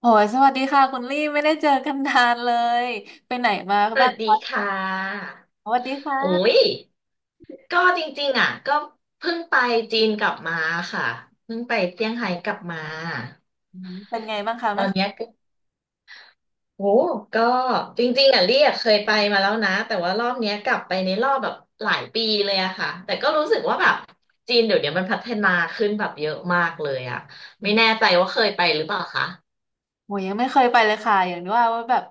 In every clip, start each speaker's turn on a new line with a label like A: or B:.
A: โหยสวัสดีค่ะคุณลี่ไม่ได้เจอกันนานเลยไปไหนมา
B: ส
A: บ้า
B: วั
A: ง
B: ส
A: ค
B: ดี
A: ะ
B: ค่ะ
A: สวัสดี
B: โอ้
A: ค่ะ
B: ยก็จริงๆอ่ะก็เพิ่งไปจีนกลับมาค่ะเพิ่งไปเซี่ยงไฮ้กลับมา
A: เป็นไงบ้างคะ
B: ต
A: ไม่
B: อน
A: เค
B: เนี้ย
A: ย
B: ก็โอ้ก็จริงๆอ่ะเรียกเคยไปมาแล้วนะแต่ว่ารอบเนี้ยกลับไปในรอบแบบหลายปีเลยอะค่ะแต่ก็รู้สึกว่าแบบจีนเดี๋ยวเนี้ยมันพัฒนาขึ้นแบบเยอะมากเลยอะไม่แน่ใจว่าเคยไปหรือเปล่าคะ
A: โหยยังไม่เคยไปเลยค่ะอย่างที่ว่าว่าแบบ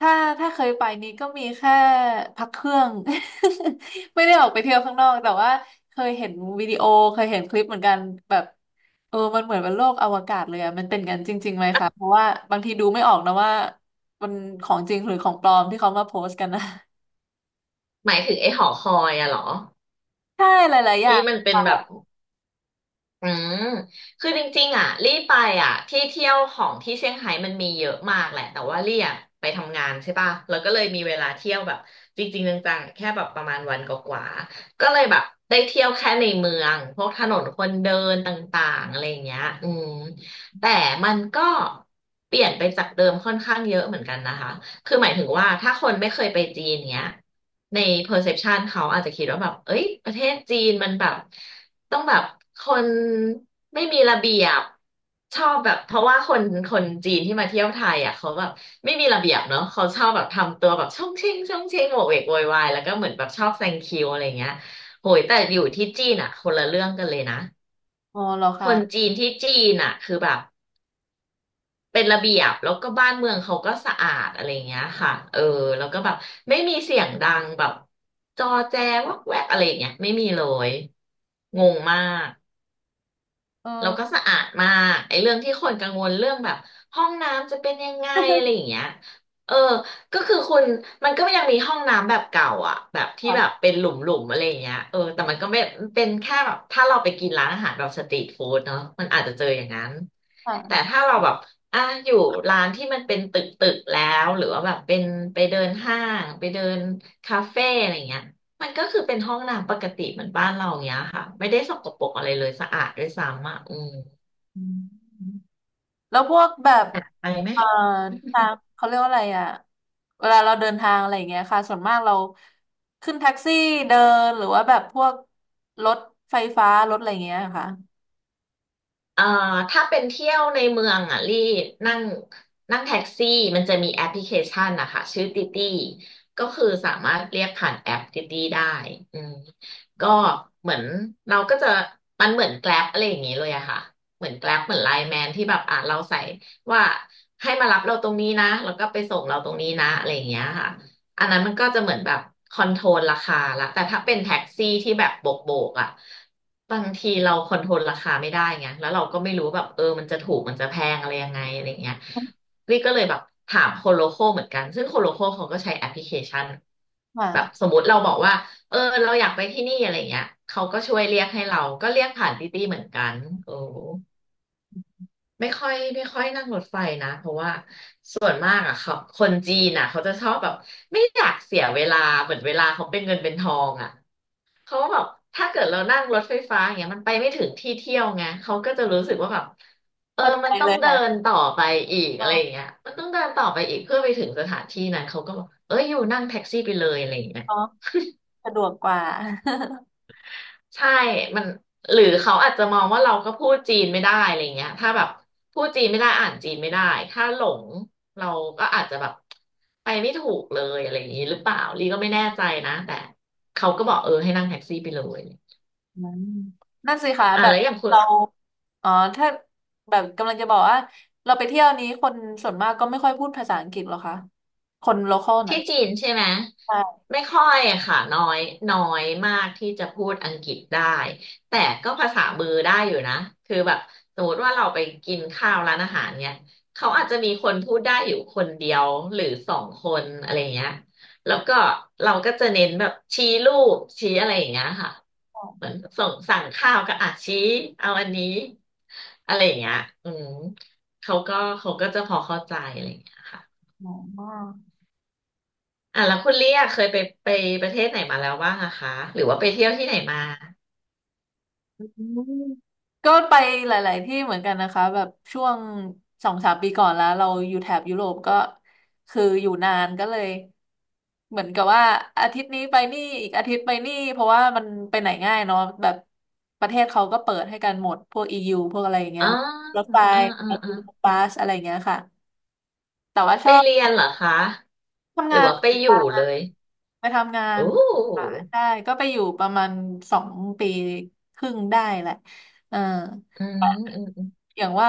A: ถ้าถ้าเคยไปนี้ก็มีแค่พักเครื่อง ไม่ได้ออกไปเที่ยวข้างนอกแต่ว่าเคยเห็นวิดีโอเคยเห็นคลิปเหมือนกันแบบเออมันเหมือนเป็นโลกอวกาศเลยอะมันเป็นกันจริงๆไหมคะเพราะว่าบางทีดูไม่ออกนะว่ามันของจริงหรือของปลอมที่เขามาโพสต์กันนะ
B: หมายถึงไอ้หอคอยอะเหรอ
A: ใช่หลายๆอย่า
B: ที่
A: ง
B: มันเป็นแบบ อืมคือจริงๆอ่ะลี่ไปอ่ะที่เที่ยวของที่เซี่ยงไฮ้มันมีเยอะมากแหละแต่ว่าลี่อ่ะไปทำงานใช่ป่ะแล้วก็เลยมีเวลาเที่ยวแบบจริงๆจังๆแค่แบบประมาณวันกว่าๆก็เลยแบบได้เที่ยวแค่ในเมืองพวกถนนคนเดินต่างๆอะไรอย่างเงี้ยแต่มันก็เปลี่ยนไปจากเดิมค่อนข้างเยอะเหมือนกันนะคะคือหมายถึงว่าถ้าคนไม่เคยไปจีนเนี้ยใน perception เขาอาจจะคิดว่าแบบเอ้ยประเทศจีนมันแบบ ต้องแบบคนไม่มีระเบียบชอบแบบเพราะว่าคนจีนที่มาเที่ยวไทยอ่ะเขาแบบไม่มีระเบียบเนาะเขาชอบแบบทำตัวแบบช่องเชงช่องเชงโหวกเวกโวยวายแล้วก็เหมือนแบบชอบแซงคิวอะไรเงี้ยโหยแต่อยู่ที่จีนอ่ะคนละเรื่องกันเลยนะ
A: อ๋อเหรอ
B: คน
A: คะ
B: จีนที่จีนอ่ะคือแบบเป็นระเบียบแล้วก็บ้านเมืองเขาก็สะอาดอะไรอย่างเงี้ยค่ะเออแล้วก็แบบไม่มีเสียงดังแบบจอแจวักแวกอะไรอย่างเงี้ยไม่มีเลยงงมาก
A: เอ
B: แล้วก็
A: อ
B: สะอาดมากไอ้เรื่องที่คนกังวลเรื่องแบบห้องน้ำจะเป็นยังไงอะไรอย่า
A: ค
B: งเงี้ยเออก็คือคุณมันก็ยังมีห้องน้ำแบบเก่าอ่ะแบบที่แบบ
A: ่ะ
B: เป็นหลุมหลุมอะไรอย่างเงี้ยเออแต่มันก็ไม่เป็นแค่แบบถ้าเราไปกินร้านอาหารแบบสตรีทฟู้ดเนาะมันอาจจะเจออย่างนั้นแต่
A: ค่ะ
B: ถ้าเราแบบอ่ะอยู่ร้านที่มันเป็นตึกตึกแล้วหรือว่าแบบเป็นไปเดินห้างไปเดินคาเฟ่อะไรอย่างเงี้ย มันก็คือเป็นห้องน้ำปกติเหมือนบ้านเราอย่างเงี้ยค่ะไม่ได้สกปรกอะไรเลยสะอาดด้วยซ้ำอ่ะอืม
A: อืมแล้วพวกแบบ
B: หนักไปไหม
A: เอ่อทางเขาเรียกว่าอะไรอ่ะเวลาเราเดินทางอะไรอย่างเงี้ยค่ะส่วนมากเราขึ้นแท็กซี่เดินหรือว่าแบบพวกรถไฟฟ้ารถอะไรอย่างเงี้ยค่ะ
B: เอ่อถ้าเป็นเที่ยวในเมืองอ่ะรีนั่งนั่งแท็กซี่มันจะมีแอปพลิเคชันนะคะชื่อติตี้ก็คือสามารถเรียกผ่านแอปติตี้ได้อืมก็เหมือนเราก็จะมันเหมือนแกร็บอะไรอย่างงี้เลยอะค่ะเหมือนแกร็บเหมือนไลน์แมนที่แบบอ่ะเราใส่ว่าให้มารับเราตรงนี้นะแล้วก็ไปส่งเราตรงนี้นะอะไรอย่างเงี้ยค่ะ อันนั้นมันก็จะเหมือนแบบคอนโทรลราคาละแต่ถ้าเป็นแท็กซี่ที่แบบโบกโบกอ่ะบางทีเราคอนโทรลราคาไม่ได้ไงแล้วเราก็ไม่รู้แบบเออมันจะถูกมันจะแพงอะไรยังไงอะไรเงี้ยลี่ก็เลยแบบถามโคโลโคเหมือนกันซึ่งโคโลโคเขาก็ใช้แอปพลิเคชันแบบส
A: ค่ะ
B: มมติเราบอกว่าเออเราอยากไปที่นี่อะไรเงี้ยเขาก็ช่วยเรียกให้เราก็เรียกผ่านตี้ตี้เหมือนกันโอ้ ไม่ค่อยนั่งรถไฟนะเพราะว่าส่วนมากอ่ะเขาคนจีนอ่ะเขาจะชอบแบบไม่อยากเสียเวลาเหมือนเวลาเขาเป็นเงินเป็นทองอ่ะเขาแบบถ้าเกิดเรานั่งรถไฟฟ้าอย่างเงี้ยมันไปไม่ถึงที่เที่ยวไงเขาก็จะรู้สึกว่าแบบเออ
A: เข้าใจ
B: มันต้อ
A: เล
B: ง
A: ย
B: เดิน
A: ค่ะ
B: ต่อไปอีกอะ
A: ก็
B: ไรอย่างเงี้ยมันต้องเดินต่อไปอีกเพื่อไปถึงสถานที่นั้นเขาก็บอกเอ้ยอยู่นั่งแท็กซี่ไปเลยอะไรอย่างเงี้ย
A: กสะดวกกว่า
B: ใช่มันหรือเขาอาจจะมองว่าเราก็พูดจีนไม่ได้อะไรเงี้ยถ้าแบบพูดจีนไม่ได้อ่านจีนไม่ได้ ถ้าหลงเราก็อาจจะแบบไปไม่ถูกเลยอะไรอย่างนี้หรือเปล่าลีก็ไม่แน่ใจนะแต่เขาก็บอกเออให้นั่งแท็กซี่ไปเลย
A: อืมนั่นสิคะ
B: อ่ะ
A: แบ
B: แล้
A: บ
B: วอย่างคุณ
A: เราอ๋อถ้าแบบกำลังจะบอกว่าเราไปเที่ยวนี้คนส่วนมากก็ไม่ค่อยพูดภาษาอังกฤษหรอคะคนโลคอลน่ะ
B: ที่จีนใช่ไหม
A: ใช่
B: ไม่ค่อยอะค่ะน้อยน้อยมากที่จะพูดอังกฤษได้แต่ก็ภาษามือได้อยู่นะคือแบบสมมติว่าเราไปกินข้าวร้านอาหารเนี่ยเขาอาจจะมีคนพูดได้อยู่คนเดียวหรือสองคนอะไรอย่างเงี้ยแล้วก็เราก็จะเน้นแบบชี้รูปชี้อะไรอย่างเงี้ยค่ะเหมือนส่งสั่งข้าวก็อ่ะชี้เอาอันนี้อะไรอย่างเงี้ยอืมเขาก็เขาก็จะพอเข้าใจอะไรอย่างเงี้ยค่ะ
A: อ๋อ
B: อ่ะแล้วคุณเลี่ยเคยไปประเทศไหนมาแล้วบ้างอะคะหรือว่าไปเที่ยวที่ไหนมา
A: ก็ไปหลายๆที่เหมือนกันนะคะแบบช่วงสองสามปีก่อนแล้วเราอยู่แถบยุโรปก็คืออยู่นานก็เลยเหมือนกับว่าอาทิตย์นี้ไปนี่อีกอาทิตย์ไปนี่เพราะว่ามันไปไหนง่ายเนาะแบบประเทศเขาก็เปิดให้กันหมดพวก EU พวกอะไรอย่างเงี้
B: อ๋
A: ย
B: อ
A: รถไฟ
B: อ่าอ่า
A: รถ
B: อ่า
A: บัสอะไรอย่างเงี้ยค่ะแต่ว่าช
B: ไป
A: อบ
B: เรียนเหรอคะ
A: ทำ
B: หรื
A: งา
B: อ
A: น
B: ว่าไปอยู่เลย
A: ไปทำงา
B: โอ้
A: นค่ะได้ก็ไปอยู่ประมาณสองปีครึ่งได้แหละเออ
B: อืมอืมอืม
A: อย่างว่า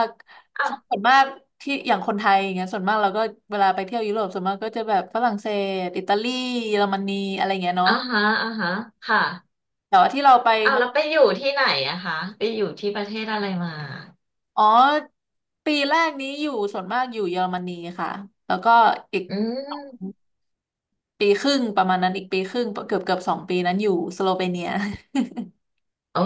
A: คนส่ว
B: อ่ะ
A: นมากที่อย่างคนไทยอย่างเงี้ยส่วนมากเราก็เวลาไปเที่ยวยุโรปส่วนมากก็จะแบบฝรั่งเศสอิตาลีเยอรมนีอะไรเงี้ยเนาะ
B: อ่าฮะอ่าฮะค่ะ
A: แต่ว่าที่เราไป
B: อ้าว
A: มา
B: แล้วไปอยู่ที่ไหนอะคะไปอยู่ที่ประเทศอะไรมา
A: อ๋อปีแรกนี้อยู่ส่วนมากอยู่เยอรมนีค่ะแล้วก็อีก
B: อืม
A: ปีครึ่งประมาณนั้นอีกปีครึ่งเกือบสองปีนั้นอยู่สโลเวเนีย
B: โอ้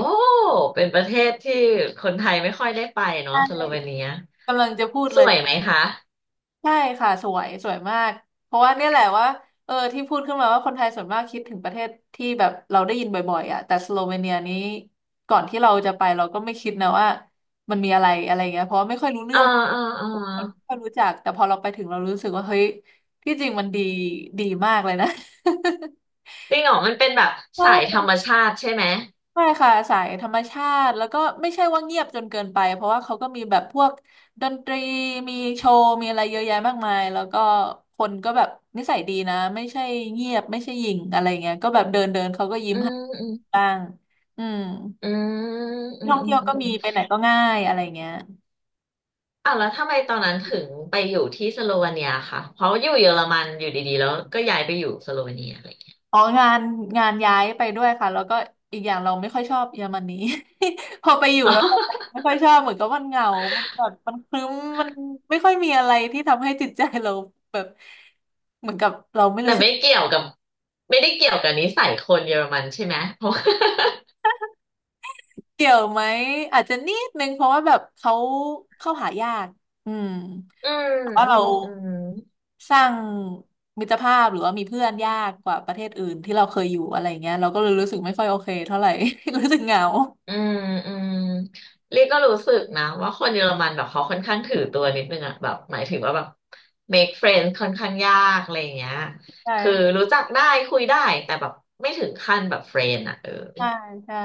B: เป็นประเทศที่คนไทยไม่ค่อยได้ไปเนาะสโลเวเนีย
A: กำลังจะพูด
B: ส
A: เลย
B: วยไหมคะ
A: ใช่ค่ะสวยสวยมากเพราะว่าเนี่ยแหละว่าเออที่พูดขึ้นมาว่าคนไทยส่วนมากคิดถึงประเทศที่แบบเราได้ยินบ่อยๆอ่ะแต่สโลเวเนียนี้ก่อนที่เราจะไปเราก็ไม่คิดนะว่ามันมีอะไรอะไรเงี้ยเพราะว่าไม่ค่อยรู้
B: เอ
A: เรื่
B: อ
A: อง
B: เออเออ
A: ไม่ค่อยรู้จักแต่พอเราไปถึงเรารู้สึกว่าเฮ้ยที่จริงมันดีดีมากเลยนะ
B: จริงเหรอมันเป็นแบบสายธร รมชาติใช่ไหม
A: ใช่ค่ะสายธรรมชาติแล้วก็ไม่ใช่ว่าเงียบจนเกินไปเพราะว่าเขาก็มีแบบพวกดนตรีมีโชว์มีอะไรเยอะแยะมากมายแล้วก็คนก็แบบนิสัยดีนะไม่ใช่เงียบไม่ใช่หยิ่งอะไรเงี้ยก็แบบเดินเดินเขาก็ยิ้ม
B: อื
A: ให้
B: มอืม
A: บ้างอืม
B: อืมอื
A: ที่
B: ม
A: ท่อง
B: อื
A: เที่
B: ม
A: ยว
B: อื
A: ก็
B: ม
A: มีไป
B: อ
A: ไหนก็ง่ายอะไรเงี้ย
B: ้าวแล้วทำไมตอนนั้นถึงไปอยู่ที่สโลวาเนียค่ะเพราะอยู่เยอรมันอยู่ดีๆแล้วก็ย้ายไปอยู่สโลวาเนียอะไรอย่างเงี้ย
A: อ๋องานงานย้ายไปด้วยค่ะแล้วก็อีกอย่างเราไม่ค่อยชอบเยอรมนี พอไปอยู่
B: อ๋อ
A: แล้วเราไม่ค่อยชอบเหมือนกับมันเหงามันแบบมันครึ้มมันไม่ค่อยมีอะไรที่ทำให้จิตใจเราแบบเหมือนกับเรา
B: แต่ไม่เกี่ยวกับไม่ได้เกี่ยวกับนิสัยคนเยอรมันใช่ไหมเพราะ
A: เกี่ยวไหมอาจจะนิดนึงเพราะว่าแบบเขาเข้าหายากอืม
B: อืม
A: เพราะ
B: อื
A: เรา
B: มอืม
A: สร้างมิตรภาพหรือว่ามีเพื่อนยากกว่าประเทศอื่นที่เราเคยอยู่อะไรเงี้ยเราก็เลยรู้สึกไม่ค่อยโอเคเท่าไหร่ รู้สึกเหงา
B: อืมอืมเรียกก็รู้สึกนะว่าคนเยอรมันแบบเขาค่อนข้างถือตัวนิดนึงอะแบบหมายถึงว่าแบบ make friend ค่อนข้างยากอะไรอย่างเงี้ยคือ
A: ใช่
B: รู้จักได้คุยได้แต่แบบไม่ถึงขั้นแบบเ r รน n ์อะเออ
A: ใช่ใช่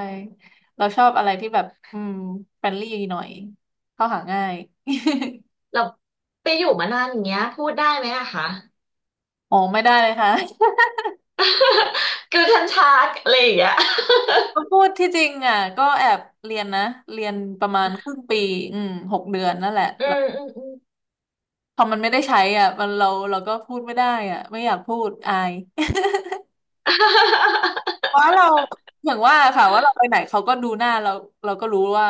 A: เราชอบอะไรที่แบบอืมเฟรนลี่หน่อยเข้าหาง่าย
B: เราไปอยู่มานานอย่างเงี้ยพูดได้ไหมอะคะ
A: อ๋อไม่ได้เลยค่ะ
B: คือทันชาร์กอะไรอย่างเงี้ย
A: ก็พูดที่จริงอ่ะก็แอบเรียนนะเรียนประมาณครึ่งปีอืมหกเดือนนั่นแหละ
B: อื
A: แล้ว
B: มอืมอืม
A: พอมันไม่ได้ใช้อ่ะมันเราก็พูดไม่ได้อ่ะไม่อยากพูดอาย เพราะเราอย่างว่าค่ะว่าเราไปไหนเขาก็ดูหน้าเราเราก็รู้ว่า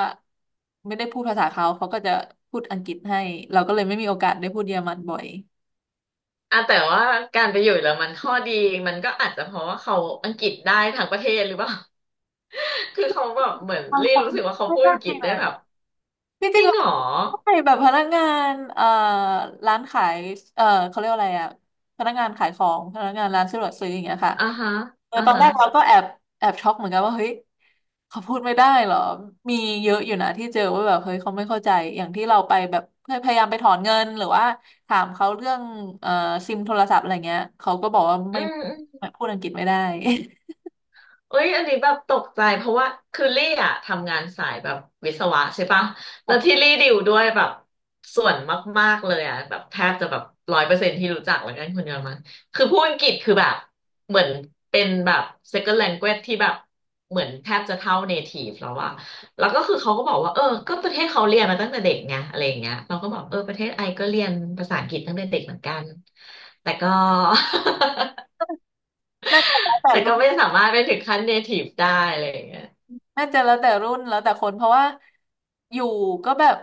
A: ไม่ได้พูดภาษาเขาเขาก็จะพูดอังกฤษให้เราก็เลยไม่มีโอกาสได้พูดเยอรมันบ่อย
B: อ่ะแต่ว่าการไปอยู่เยอรมันข้อดีมันก็อาจจะเพราะว่าเขาอังกฤษได้ทั้งประเทศหรือเปล่า คือเขาแบบเหมือน
A: บาง
B: รี
A: คน
B: รู้สึกว่าเขา
A: ไม่
B: พูด
A: ได้
B: อังกฤษได้แบบ
A: ที่จ
B: จ
A: ริง
B: ริง
A: เรา
B: เหรอ
A: ใช่แบบพนักงานร้านขายเขาเรียกว่าอะไรอะพนักงานขายของพนักงานร้านสะดวกซื้ออย่างเงี้ยค่ะ
B: อ่าฮะ
A: เออ
B: อ่า
A: ตอน
B: ฮะ
A: แรกเราก็แอบแอบช็อกเหมือนกันว่าเฮ้ยเขาพูดไม่ได้เหรอมีเยอะอยู่นะที่เจอว่าแบบเฮ้ยเขาไม่เข้าใจอย่างที่เราไปแบบพยายามไปถอนเงินหรือว่าถามเขาเรื่องเอ่อซิมโทรศัพท์อะไรเงี้ยเขาก็บอกว่า
B: อื
A: ไม่
B: ม
A: พูดอังกฤษไม่ได้
B: เอ้ยอันนี้แบบตกใจเพราะว่าคือลี่อะทำงานสายแบบวิศวะใช่ปะแล้วที่ ลี่ดิวด้วยแบบส่วนมากๆเลยอะแบบแทบจะแบบร้อยเปอร์เซ็นต์ที่รู้จักแล้วกันคนเยอรมันคือพูดอังกฤษคือแบบเหมือนเป็นแบบ second language ที่แบบเหมือนแทบจะเท่า native แล้วอะแล้วก็คือเขาก็บอกว่าเออก็ประเทศเขาเรียนมาตั้งแต่เด็กไงอะไรอย่างเงี้ยเราก็บอกเออประเทศไอก็เรียนภาษาอังกฤษตั้งแต่เด็กเหมือนกันแต่ก็
A: น่าจะแล้วแต่
B: แต่
A: ลู
B: ก็
A: ก
B: ไม่สามารถไปถึงขั้น native ได้อะไรอย่างเงี้ย
A: น่าจะแล้วแต่รุ่นแล้วแต่คนเพราะว่าอยู่ก็แบบ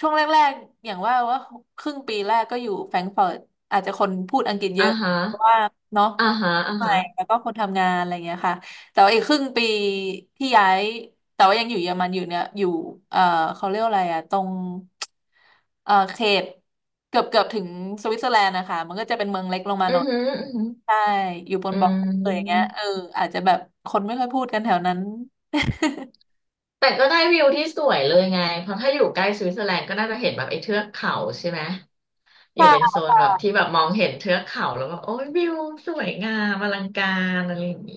A: ช่วงแรกๆอย่างว่าว่าครึ่งปีแรกก็อยู่แฟรงก์เฟิร์ตอาจจะคนพูดอังกฤษเย
B: อ่า
A: อะ
B: ฮะ
A: เพราะว่าเนาะ
B: อ่าฮะอ่า
A: ใหม่
B: ฮะ
A: แล้วก็คนทำงานอะไรเงี้ยค่ะแต่ว่าอีกครึ่งปีที่ย้ายแต่ว่ายังอยู่เยอรมันอยู่เนี่ยอยู่เอ่อเขาเรียกอะไรอะตรงเขตเกือบถึงสวิตเซอร์แลนด์นะคะมันก็จะเป็นเมืองเล็กลงมา
B: อื
A: หน่
B: อ
A: อย
B: หอือหอ
A: ใช่อยู่บน
B: อื
A: บอกเลยอย่างเงี้ย
B: ม
A: เอออาจจะแบบคนไม่ค่อยพูดกันแถวนั้น
B: แต่ก็ได้วิวที่สวยเลยไงเพราะถ้าอยู่ใกล้สวิตเซอร์แลนด์ก็น่าจะเห็นแบบไอ้เทือกเขาใช่ไหมอยู่เป็น
A: ใช่
B: โซนแบบที่แบบมองเห็นเทือกเขาแล้วก็โอ้ยวิวสวยงามอลังการอะไรอย่างนี้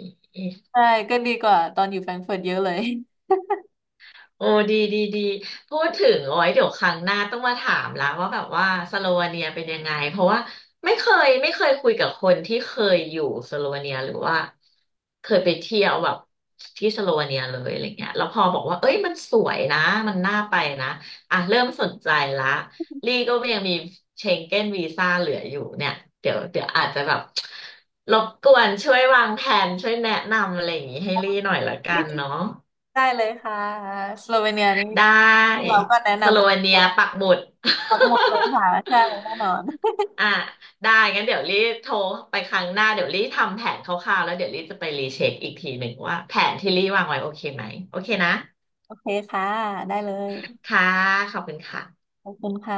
A: ใช่ก็ดีกว่าตอนอยู่แฟรงก์เฟิร์ตเยอะเลย
B: โอ้ดีดีดีพูดถึงโอาไว้ยเดี๋ยวครั้งหน้าต้องมาถามละว่าแบบว่าสโลวาเนียเป็นยังไงเพราะว่าไม่เคยคุยกับคนที่เคยอยู่สโลวาเนียหรือว่าเคยไปเที่ยวแบบที่สโลวาเนียเลยอะไรเงี้ยแล้วพอบอกว่าเอ้ยมันสวยนะมันน่าไปนะอ่ะเริ่มสนใจละลี่ก็ยังมีเชงเก้นวีซ่าเหลืออยู่เนี่ยเดี๋ยวอาจจะแบบรบกวนช่วยวางแผนช่วยแนะนำอะไรอย่างงี้ให้ลี่หน่อยละกัน เนาะ
A: ได้เลยค่ะสโลเวเนียนี่
B: ได้
A: ที่เราก็แนะ
B: ส
A: นำ
B: โลเว
A: หมด
B: เนียปักหมุด
A: หมดเลยค่ะใช่แน่นอน
B: อ่ะได้งั้นเดี๋ยวรีโทรไปครั้งหน้าเดี๋ยวรีทำแผนคร่าวๆแล้วเดี๋ยวรีจะไปรีเช็คอีกทีหนึ่งว่าแผนที่รีวางไว้โอเคไหมโอเคนะ
A: โอเคค่ะได้เลย
B: ค่ะขอบคุณค่ะ
A: ขอบคุณค่ะ